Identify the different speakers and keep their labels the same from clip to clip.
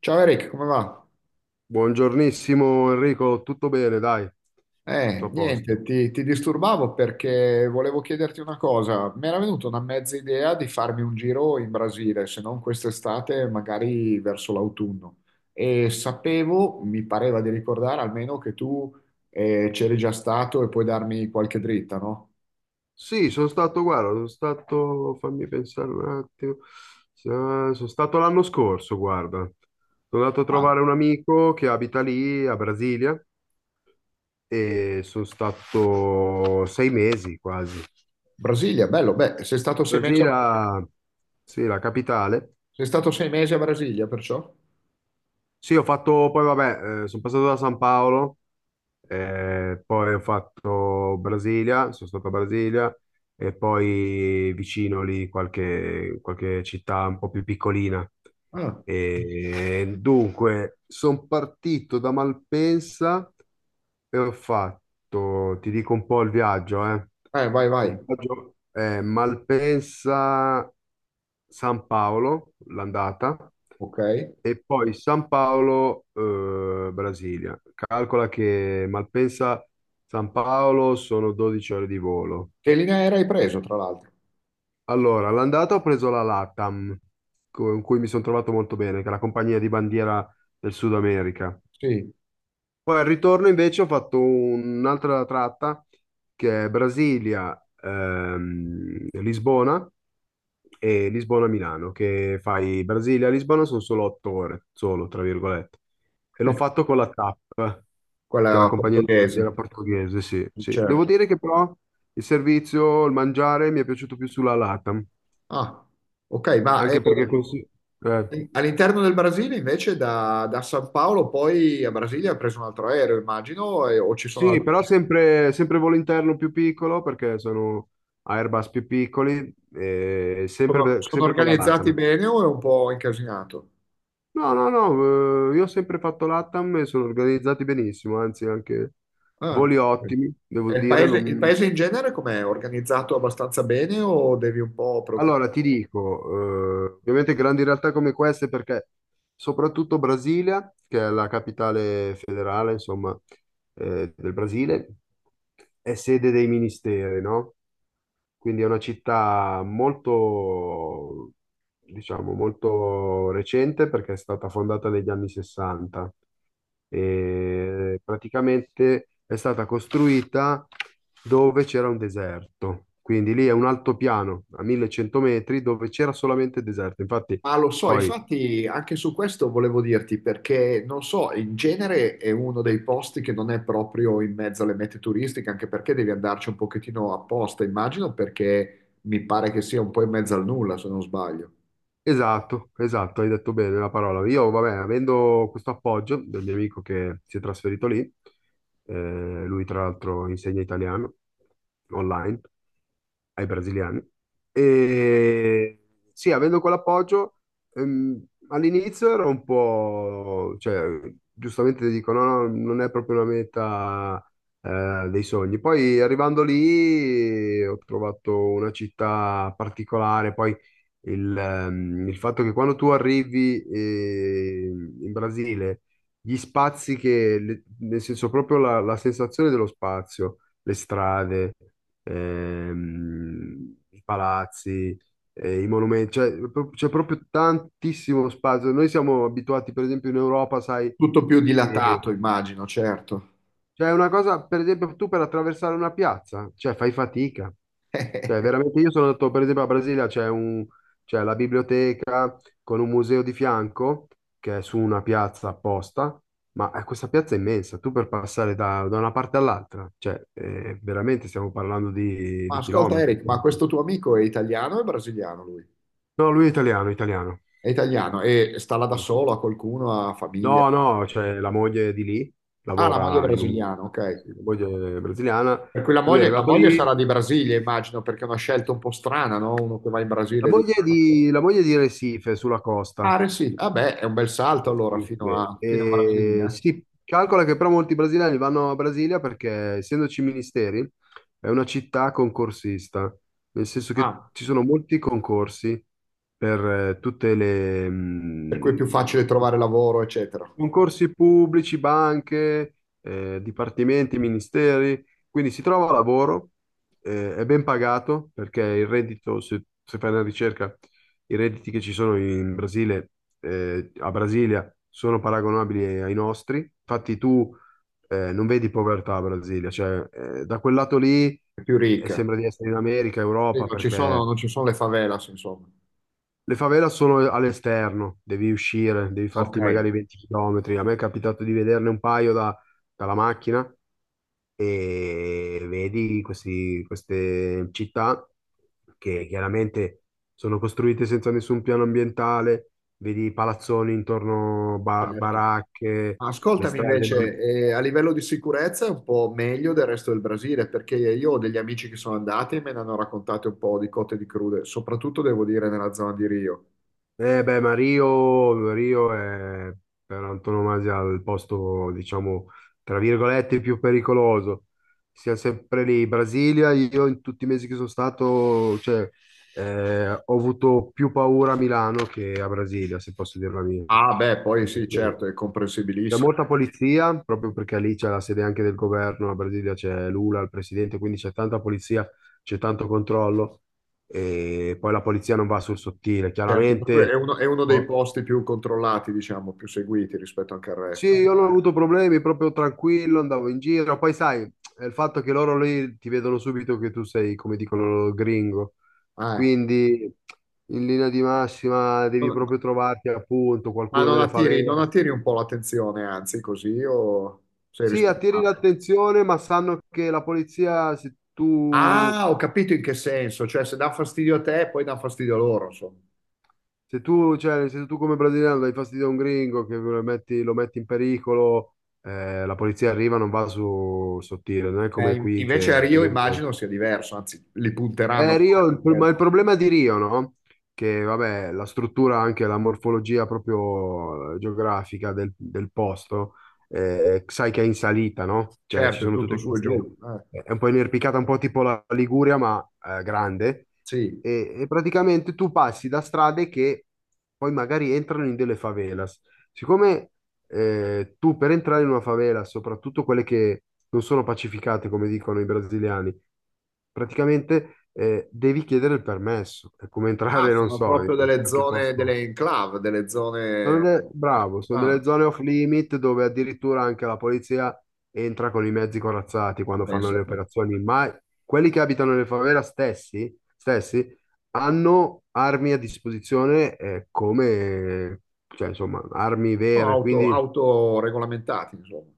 Speaker 1: Ciao Eric, come va?
Speaker 2: Buongiornissimo Enrico, tutto bene, dai, tutto a posto.
Speaker 1: Niente, ti disturbavo perché volevo chiederti una cosa. Mi era venuta una mezza idea di farmi un giro in Brasile, se non quest'estate, magari verso l'autunno. E sapevo, mi pareva di ricordare almeno che tu c'eri già stato e puoi darmi qualche dritta, no?
Speaker 2: Sì, sono stato, guarda, fammi pensare un attimo. Sono stato l'anno scorso, guarda, sono andato a
Speaker 1: Ah,
Speaker 2: trovare un amico che abita lì a Brasilia, e sono stato 6 mesi quasi.
Speaker 1: Brasilia, bello. Beh,
Speaker 2: Brasilia, sì, la capitale.
Speaker 1: sei stato sei mesi a Brasilia, perciò?
Speaker 2: Sì, ho fatto, poi vabbè, sono passato da San Paolo, poi ho fatto Brasilia, sono stato a Brasilia e poi vicino lì qualche città un po' più piccolina.
Speaker 1: Ah,
Speaker 2: E dunque, sono partito da Malpensa e ho fatto, ti dico un po' il viaggio, eh.
Speaker 1: vai, vai.
Speaker 2: Il viaggio è Malpensa, San Paolo, l'andata,
Speaker 1: Ok.
Speaker 2: e poi San Paolo, Brasilia. Calcola che Malpensa, San Paolo sono 12 ore di volo.
Speaker 1: Che linea aerea hai preso, tra l'altro?
Speaker 2: Allora, l'andata ho preso la LATAM, con cui mi sono trovato molto bene, che è la compagnia di bandiera del Sud America.
Speaker 1: Sì,
Speaker 2: Poi al ritorno invece ho fatto un'altra tratta, che è Brasilia, Lisbona, e Lisbona-Milano, che fai Brasilia-Lisbona sono solo 8 ore, solo, tra virgolette. E l'ho fatto con la TAP, che è la
Speaker 1: quella
Speaker 2: compagnia
Speaker 1: portoghese.
Speaker 2: aerea portoghese, sì, sì. Devo
Speaker 1: Certo.
Speaker 2: dire che però il servizio, il mangiare mi è piaciuto più sulla LATAM,
Speaker 1: Ah, ok,
Speaker 2: anche perché così... eh.
Speaker 1: all'interno del Brasile invece da San Paolo poi a Brasilia ha preso un altro aereo, immagino, o ci sono
Speaker 2: Sì,
Speaker 1: altri...
Speaker 2: però sempre volo interno più piccolo, perché sono Airbus più piccoli, e
Speaker 1: Sono,
Speaker 2: sempre,
Speaker 1: sono
Speaker 2: sempre con la
Speaker 1: organizzati
Speaker 2: LATAM.
Speaker 1: bene o è un po' incasinato?
Speaker 2: No, no, no, io ho sempre fatto LATAM e sono organizzati benissimo, anzi anche
Speaker 1: Ah,
Speaker 2: voli
Speaker 1: ok.
Speaker 2: ottimi, devo
Speaker 1: E il
Speaker 2: dire.
Speaker 1: paese, il
Speaker 2: Non-
Speaker 1: paese in genere com'è? Organizzato abbastanza bene o devi un po' preoccuparti?
Speaker 2: allora, ti dico, ovviamente grandi realtà come queste, perché soprattutto Brasilia, che è la capitale federale, insomma, del Brasile, è sede dei ministeri, no? Quindi è una città molto, diciamo, molto recente, perché è stata fondata negli anni 60 e praticamente è stata costruita dove c'era un deserto. Quindi lì è un altopiano a 1100 metri dove c'era solamente deserto. Infatti
Speaker 1: Ma lo so,
Speaker 2: poi
Speaker 1: infatti anche su questo volevo dirti perché non so, in genere è uno dei posti che non è proprio in mezzo alle mete turistiche, anche perché devi andarci un pochettino apposta, immagino, perché mi pare che sia un po' in mezzo al nulla, se non sbaglio.
Speaker 2: esatto, esatto, hai detto bene la parola. Io, vabbè, avendo questo appoggio del mio amico che si è trasferito lì, lui tra l'altro insegna italiano online ai brasiliani, e sì, avendo quell'appoggio, ehm, all'inizio ero un po', cioè, giustamente ti dico, no, no, non è proprio una meta, dei sogni. Poi arrivando lì ho trovato una città particolare, poi il fatto che quando tu arrivi in Brasile, gli spazi che, le- nel senso proprio la sensazione dello spazio, le strade, i palazzi, i monumenti, cioè, pro- c'è proprio tantissimo spazio. Noi siamo abituati, per esempio, in Europa, sai,
Speaker 1: Tutto più
Speaker 2: che...
Speaker 1: dilatato, immagino, certo.
Speaker 2: Cioè, è una cosa, per esempio, tu per attraversare una piazza, cioè fai fatica. Cioè, veramente io sono andato, per esempio, a Brasilia, c'è un- c'è la biblioteca con un museo di fianco, che è su una piazza apposta, ma questa piazza è immensa, tu per passare da una parte all'altra, cioè, veramente stiamo parlando di,
Speaker 1: Ma
Speaker 2: di
Speaker 1: ascolta
Speaker 2: chilometri.
Speaker 1: Eric, ma questo tuo amico è italiano o è brasiliano lui?
Speaker 2: No, lui è italiano, italiano.
Speaker 1: È italiano e sta là da
Speaker 2: Sì.
Speaker 1: solo, ha qualcuno, ha famiglia.
Speaker 2: No, no, c'è la moglie di lì,
Speaker 1: Ah, la moglie è
Speaker 2: lavora in un...
Speaker 1: brasiliana, ok.
Speaker 2: Sì, la moglie è brasiliana,
Speaker 1: Per cui la
Speaker 2: lui è
Speaker 1: moglie, la
Speaker 2: arrivato
Speaker 1: moglie sarà
Speaker 2: lì,
Speaker 1: di Brasile, immagino, perché è una scelta un po' strana, no? Uno che va in
Speaker 2: la
Speaker 1: Brasile di...
Speaker 2: moglie è di, la moglie è di Recife, sulla costa.
Speaker 1: Ah, sì, vabbè, è un bel salto allora
Speaker 2: Beh,
Speaker 1: fino a Brasile.
Speaker 2: sì,
Speaker 1: Eh.
Speaker 2: calcola che però molti brasiliani vanno a Brasilia perché, essendoci ministeri, è una città concorsista, nel senso che
Speaker 1: Ah,
Speaker 2: ci sono molti concorsi per tutte le,
Speaker 1: per cui è più facile trovare lavoro, eccetera.
Speaker 2: concorsi pubblici, banche, dipartimenti, ministeri, quindi si trova lavoro, è ben pagato perché il reddito, se fai una ricerca, i redditi che ci sono in Brasile, a Brasilia, sono paragonabili ai nostri. Infatti tu, non vedi povertà a Brasilia, cioè, da quel lato lì,
Speaker 1: È più ricca.
Speaker 2: sembra di essere in America,
Speaker 1: Sì,
Speaker 2: Europa, perché
Speaker 1: non ci sono le favelas, insomma.
Speaker 2: le favelas sono all'esterno, devi uscire, devi
Speaker 1: Ok,
Speaker 2: farti magari 20 km. A me è capitato di vederne un paio da- dalla macchina, e vedi questi- queste città che chiaramente sono costruite senza nessun piano ambientale, vedi palazzoni intorno, ba-
Speaker 1: certo.
Speaker 2: baracche,
Speaker 1: Ma
Speaker 2: le
Speaker 1: ascoltami
Speaker 2: strade.
Speaker 1: invece, a livello di sicurezza è un po' meglio del resto del Brasile, perché io ho degli amici che sono andati e me ne hanno raccontate un po' di cotte e di crude, soprattutto devo dire nella zona di Rio.
Speaker 2: Eh beh, Mario, Mario è per antonomasia il posto, diciamo, tra virgolette, più pericoloso. Siamo sempre lì. Brasilia, io in tutti i mesi che sono stato, cioè, ho avuto più paura a Milano che a Brasilia, se posso dirla mia.
Speaker 1: Ah, beh, poi sì, certo, è
Speaker 2: C'è
Speaker 1: comprensibilissimo.
Speaker 2: molta polizia, proprio perché lì c'è la sede anche del governo, la Brasilia c'è Lula, il presidente, quindi c'è tanta polizia, c'è tanto controllo, e poi la polizia non va sul sottile.
Speaker 1: Certo, per cui
Speaker 2: Chiaramente,
Speaker 1: è uno dei
Speaker 2: oh,
Speaker 1: posti più controllati, diciamo, più seguiti rispetto anche al
Speaker 2: sì,
Speaker 1: resto.
Speaker 2: io non ho avuto problemi, proprio tranquillo, andavo in giro. Poi sai, è il fatto che loro lì ti vedono subito che tu sei, come dicono loro, gringo.
Speaker 1: Ah, eh.
Speaker 2: Quindi in linea di massima devi
Speaker 1: Non-
Speaker 2: proprio trovarti appunto
Speaker 1: Ma
Speaker 2: qualcuno delle favela.
Speaker 1: non attiri un po' l'attenzione, anzi, così o sei
Speaker 2: Sì, attiri
Speaker 1: rispettato?
Speaker 2: l'attenzione, ma sanno che la polizia, se tu,
Speaker 1: Ah, ho capito in che senso, cioè se dà fastidio a te, poi dà fastidio a loro, insomma.
Speaker 2: se tu, cioè, se tu come brasiliano dai fastidio a un gringo, che lo metti in pericolo, la polizia arriva, non va su sottile, non è come qui
Speaker 1: Invece a
Speaker 2: che ti
Speaker 1: Rio
Speaker 2: legge.
Speaker 1: immagino sia diverso, anzi, li punteranno
Speaker 2: Rio,
Speaker 1: proprio, quelli.
Speaker 2: ma il problema di Rio, no? Che vabbè, la struttura, anche la morfologia proprio geografica del posto, sai che è in salita, no? Cioè ci
Speaker 1: Certo, è
Speaker 2: sono
Speaker 1: tutto
Speaker 2: tutte
Speaker 1: su e
Speaker 2: queste...
Speaker 1: giù, eh.
Speaker 2: è un po' inerpicata, un po' tipo la Liguria, ma grande.
Speaker 1: Sì.
Speaker 2: E e praticamente tu passi da strade che poi magari entrano in delle favelas. Siccome tu per entrare in una favela, soprattutto quelle che non sono pacificate, come dicono i brasiliani, praticamente devi chiedere il permesso. È come
Speaker 1: Ah,
Speaker 2: entrare, non
Speaker 1: sono
Speaker 2: so,
Speaker 1: proprio
Speaker 2: in
Speaker 1: delle
Speaker 2: qualche
Speaker 1: zone,
Speaker 2: posto.
Speaker 1: delle enclave, delle
Speaker 2: Sono
Speaker 1: zone
Speaker 2: delle- bravo, sono delle
Speaker 1: africane.
Speaker 2: zone off limit dove addirittura anche la polizia entra con i mezzi corazzati
Speaker 1: Ma
Speaker 2: quando fanno
Speaker 1: pensa a
Speaker 2: le
Speaker 1: te.
Speaker 2: operazioni, ma quelli che abitano nelle favela stessi hanno armi a disposizione come, cioè, insomma, armi vere. Quindi
Speaker 1: Autoregolamentati, insomma.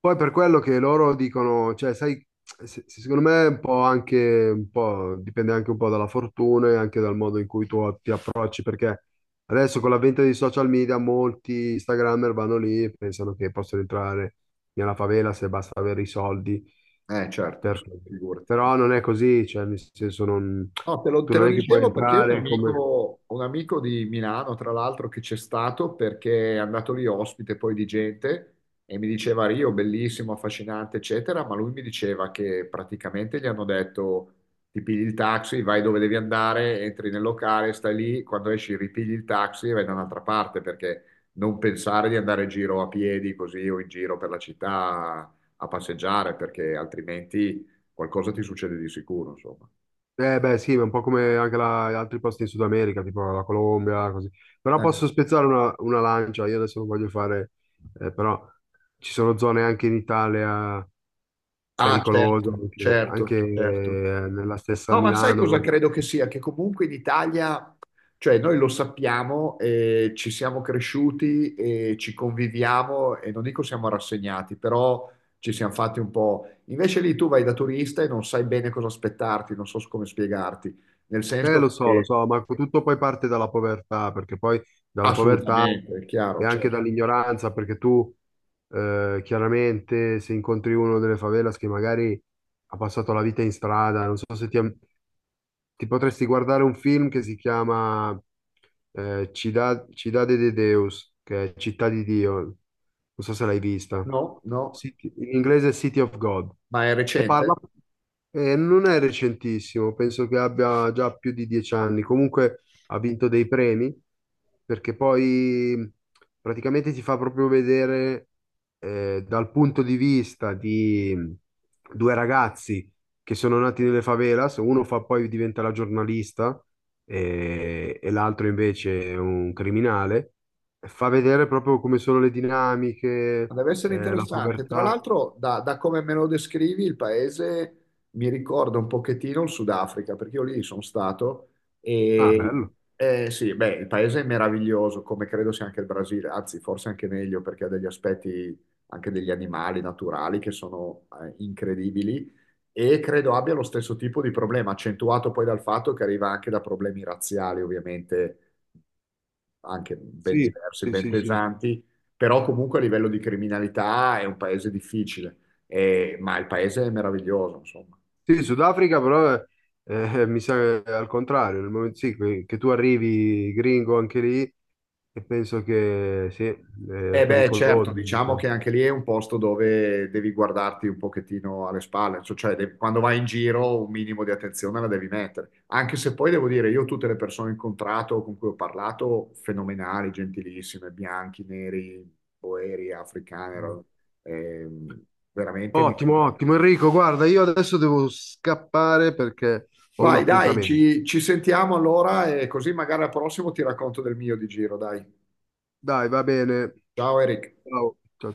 Speaker 2: poi per quello che loro dicono, cioè, sai, se secondo me è un po' anche, un po', dipende anche un po' dalla fortuna e anche dal modo in cui tu ti approcci, perché adesso con l'avvento dei social media molti Instagrammer vanno lì e pensano che possono entrare nella favela, se basta avere i soldi.
Speaker 1: Certo,
Speaker 2: Per-
Speaker 1: sì, figurati.
Speaker 2: però non è così, cioè, nel senso, non-
Speaker 1: No,
Speaker 2: tu
Speaker 1: te
Speaker 2: non
Speaker 1: lo
Speaker 2: è che puoi
Speaker 1: dicevo perché
Speaker 2: entrare come...
Speaker 1: un amico di Milano, tra l'altro, che c'è stato perché è andato lì ospite poi di gente e mi diceva Rio, bellissimo, affascinante, eccetera, ma lui mi diceva che praticamente gli hanno detto ti pigli il taxi, vai dove devi andare, entri nel locale, stai lì, quando esci ripigli il taxi e vai da un'altra parte perché non pensare di andare in giro a piedi così o in giro per la città a passeggiare perché altrimenti qualcosa ti succede di sicuro, insomma.
Speaker 2: Eh beh sì, ma un po' come anche la- altri posti in Sud America, tipo la Colombia, così. Però
Speaker 1: Eh.
Speaker 2: posso spezzare una lancia, io adesso non voglio fare, però ci sono zone anche in Italia
Speaker 1: Ah,
Speaker 2: pericolose,
Speaker 1: certo,
Speaker 2: anche,
Speaker 1: certo,
Speaker 2: anche,
Speaker 1: certo.
Speaker 2: nella stessa
Speaker 1: No, ma sai cosa
Speaker 2: Milano.
Speaker 1: credo che sia? Che comunque in Italia, cioè noi lo sappiamo, ci siamo cresciuti e ci conviviamo e non dico siamo rassegnati, però ci siamo fatti un po'. Invece lì tu vai da turista e non sai bene cosa aspettarti, non so come spiegarti, nel senso
Speaker 2: Lo
Speaker 1: che
Speaker 2: so, ma tutto poi parte dalla povertà, perché poi dalla povertà
Speaker 1: assolutamente, è chiaro,
Speaker 2: e anche
Speaker 1: certo.
Speaker 2: dall'ignoranza, perché tu chiaramente se incontri uno delle favelas che magari ha passato la vita in strada, non so se ti, ti potresti guardare un film che si chiama Cidade de Deus, che è Città di Dio, non so se l'hai vista.
Speaker 1: No, no,
Speaker 2: City- in inglese è City of God.
Speaker 1: ma è
Speaker 2: E parla,
Speaker 1: recente?
Speaker 2: non è recentissimo, penso che abbia già più di 10 anni. Comunque ha vinto dei premi, perché poi praticamente ti fa proprio vedere dal punto di vista di due ragazzi che sono nati nelle favelas, uno fa poi diventa la giornalista, e l'altro invece è un criminale, fa vedere proprio come sono le dinamiche,
Speaker 1: Deve essere
Speaker 2: la
Speaker 1: interessante. Tra
Speaker 2: povertà.
Speaker 1: l'altro, da come me lo descrivi, il paese mi ricorda un pochettino il Sudafrica, perché io lì sono stato
Speaker 2: Ah,
Speaker 1: e
Speaker 2: bello.
Speaker 1: sì, beh, il paese è meraviglioso, come credo sia anche il Brasile, anzi, forse anche meglio perché ha degli aspetti anche degli animali naturali che sono incredibili e credo abbia lo stesso tipo di problema, accentuato poi dal fatto che arriva anche da problemi razziali, ovviamente anche ben
Speaker 2: Sì,
Speaker 1: diversi,
Speaker 2: sì,
Speaker 1: ben
Speaker 2: sì, sì.
Speaker 1: pesanti, però comunque a livello di criminalità è un paese difficile, ma il paese è meraviglioso, insomma.
Speaker 2: Sì, Sudafrica però mi sa che è al contrario, nel momento sì, che tu arrivi gringo anche lì, e penso che sì, è
Speaker 1: E beh,
Speaker 2: pericoloso,
Speaker 1: certo, diciamo
Speaker 2: diciamo.
Speaker 1: che anche lì è un posto dove devi guardarti un pochettino alle spalle, quando vai in giro un minimo di attenzione la devi mettere, anche se poi devo dire, io tutte le persone incontrato con cui ho parlato, fenomenali, gentilissime, bianchi, neri, boeri, africani, ehm, veramente mi
Speaker 2: Ottimo, ottimo. Enrico, guarda, io adesso devo scappare perché ho un
Speaker 1: vai, dai,
Speaker 2: appuntamento.
Speaker 1: ci sentiamo allora e così magari al prossimo ti racconto del mio di giro, dai.
Speaker 2: Dai, va bene.
Speaker 1: Ciao Eric.
Speaker 2: Ciao, ciao, ciao.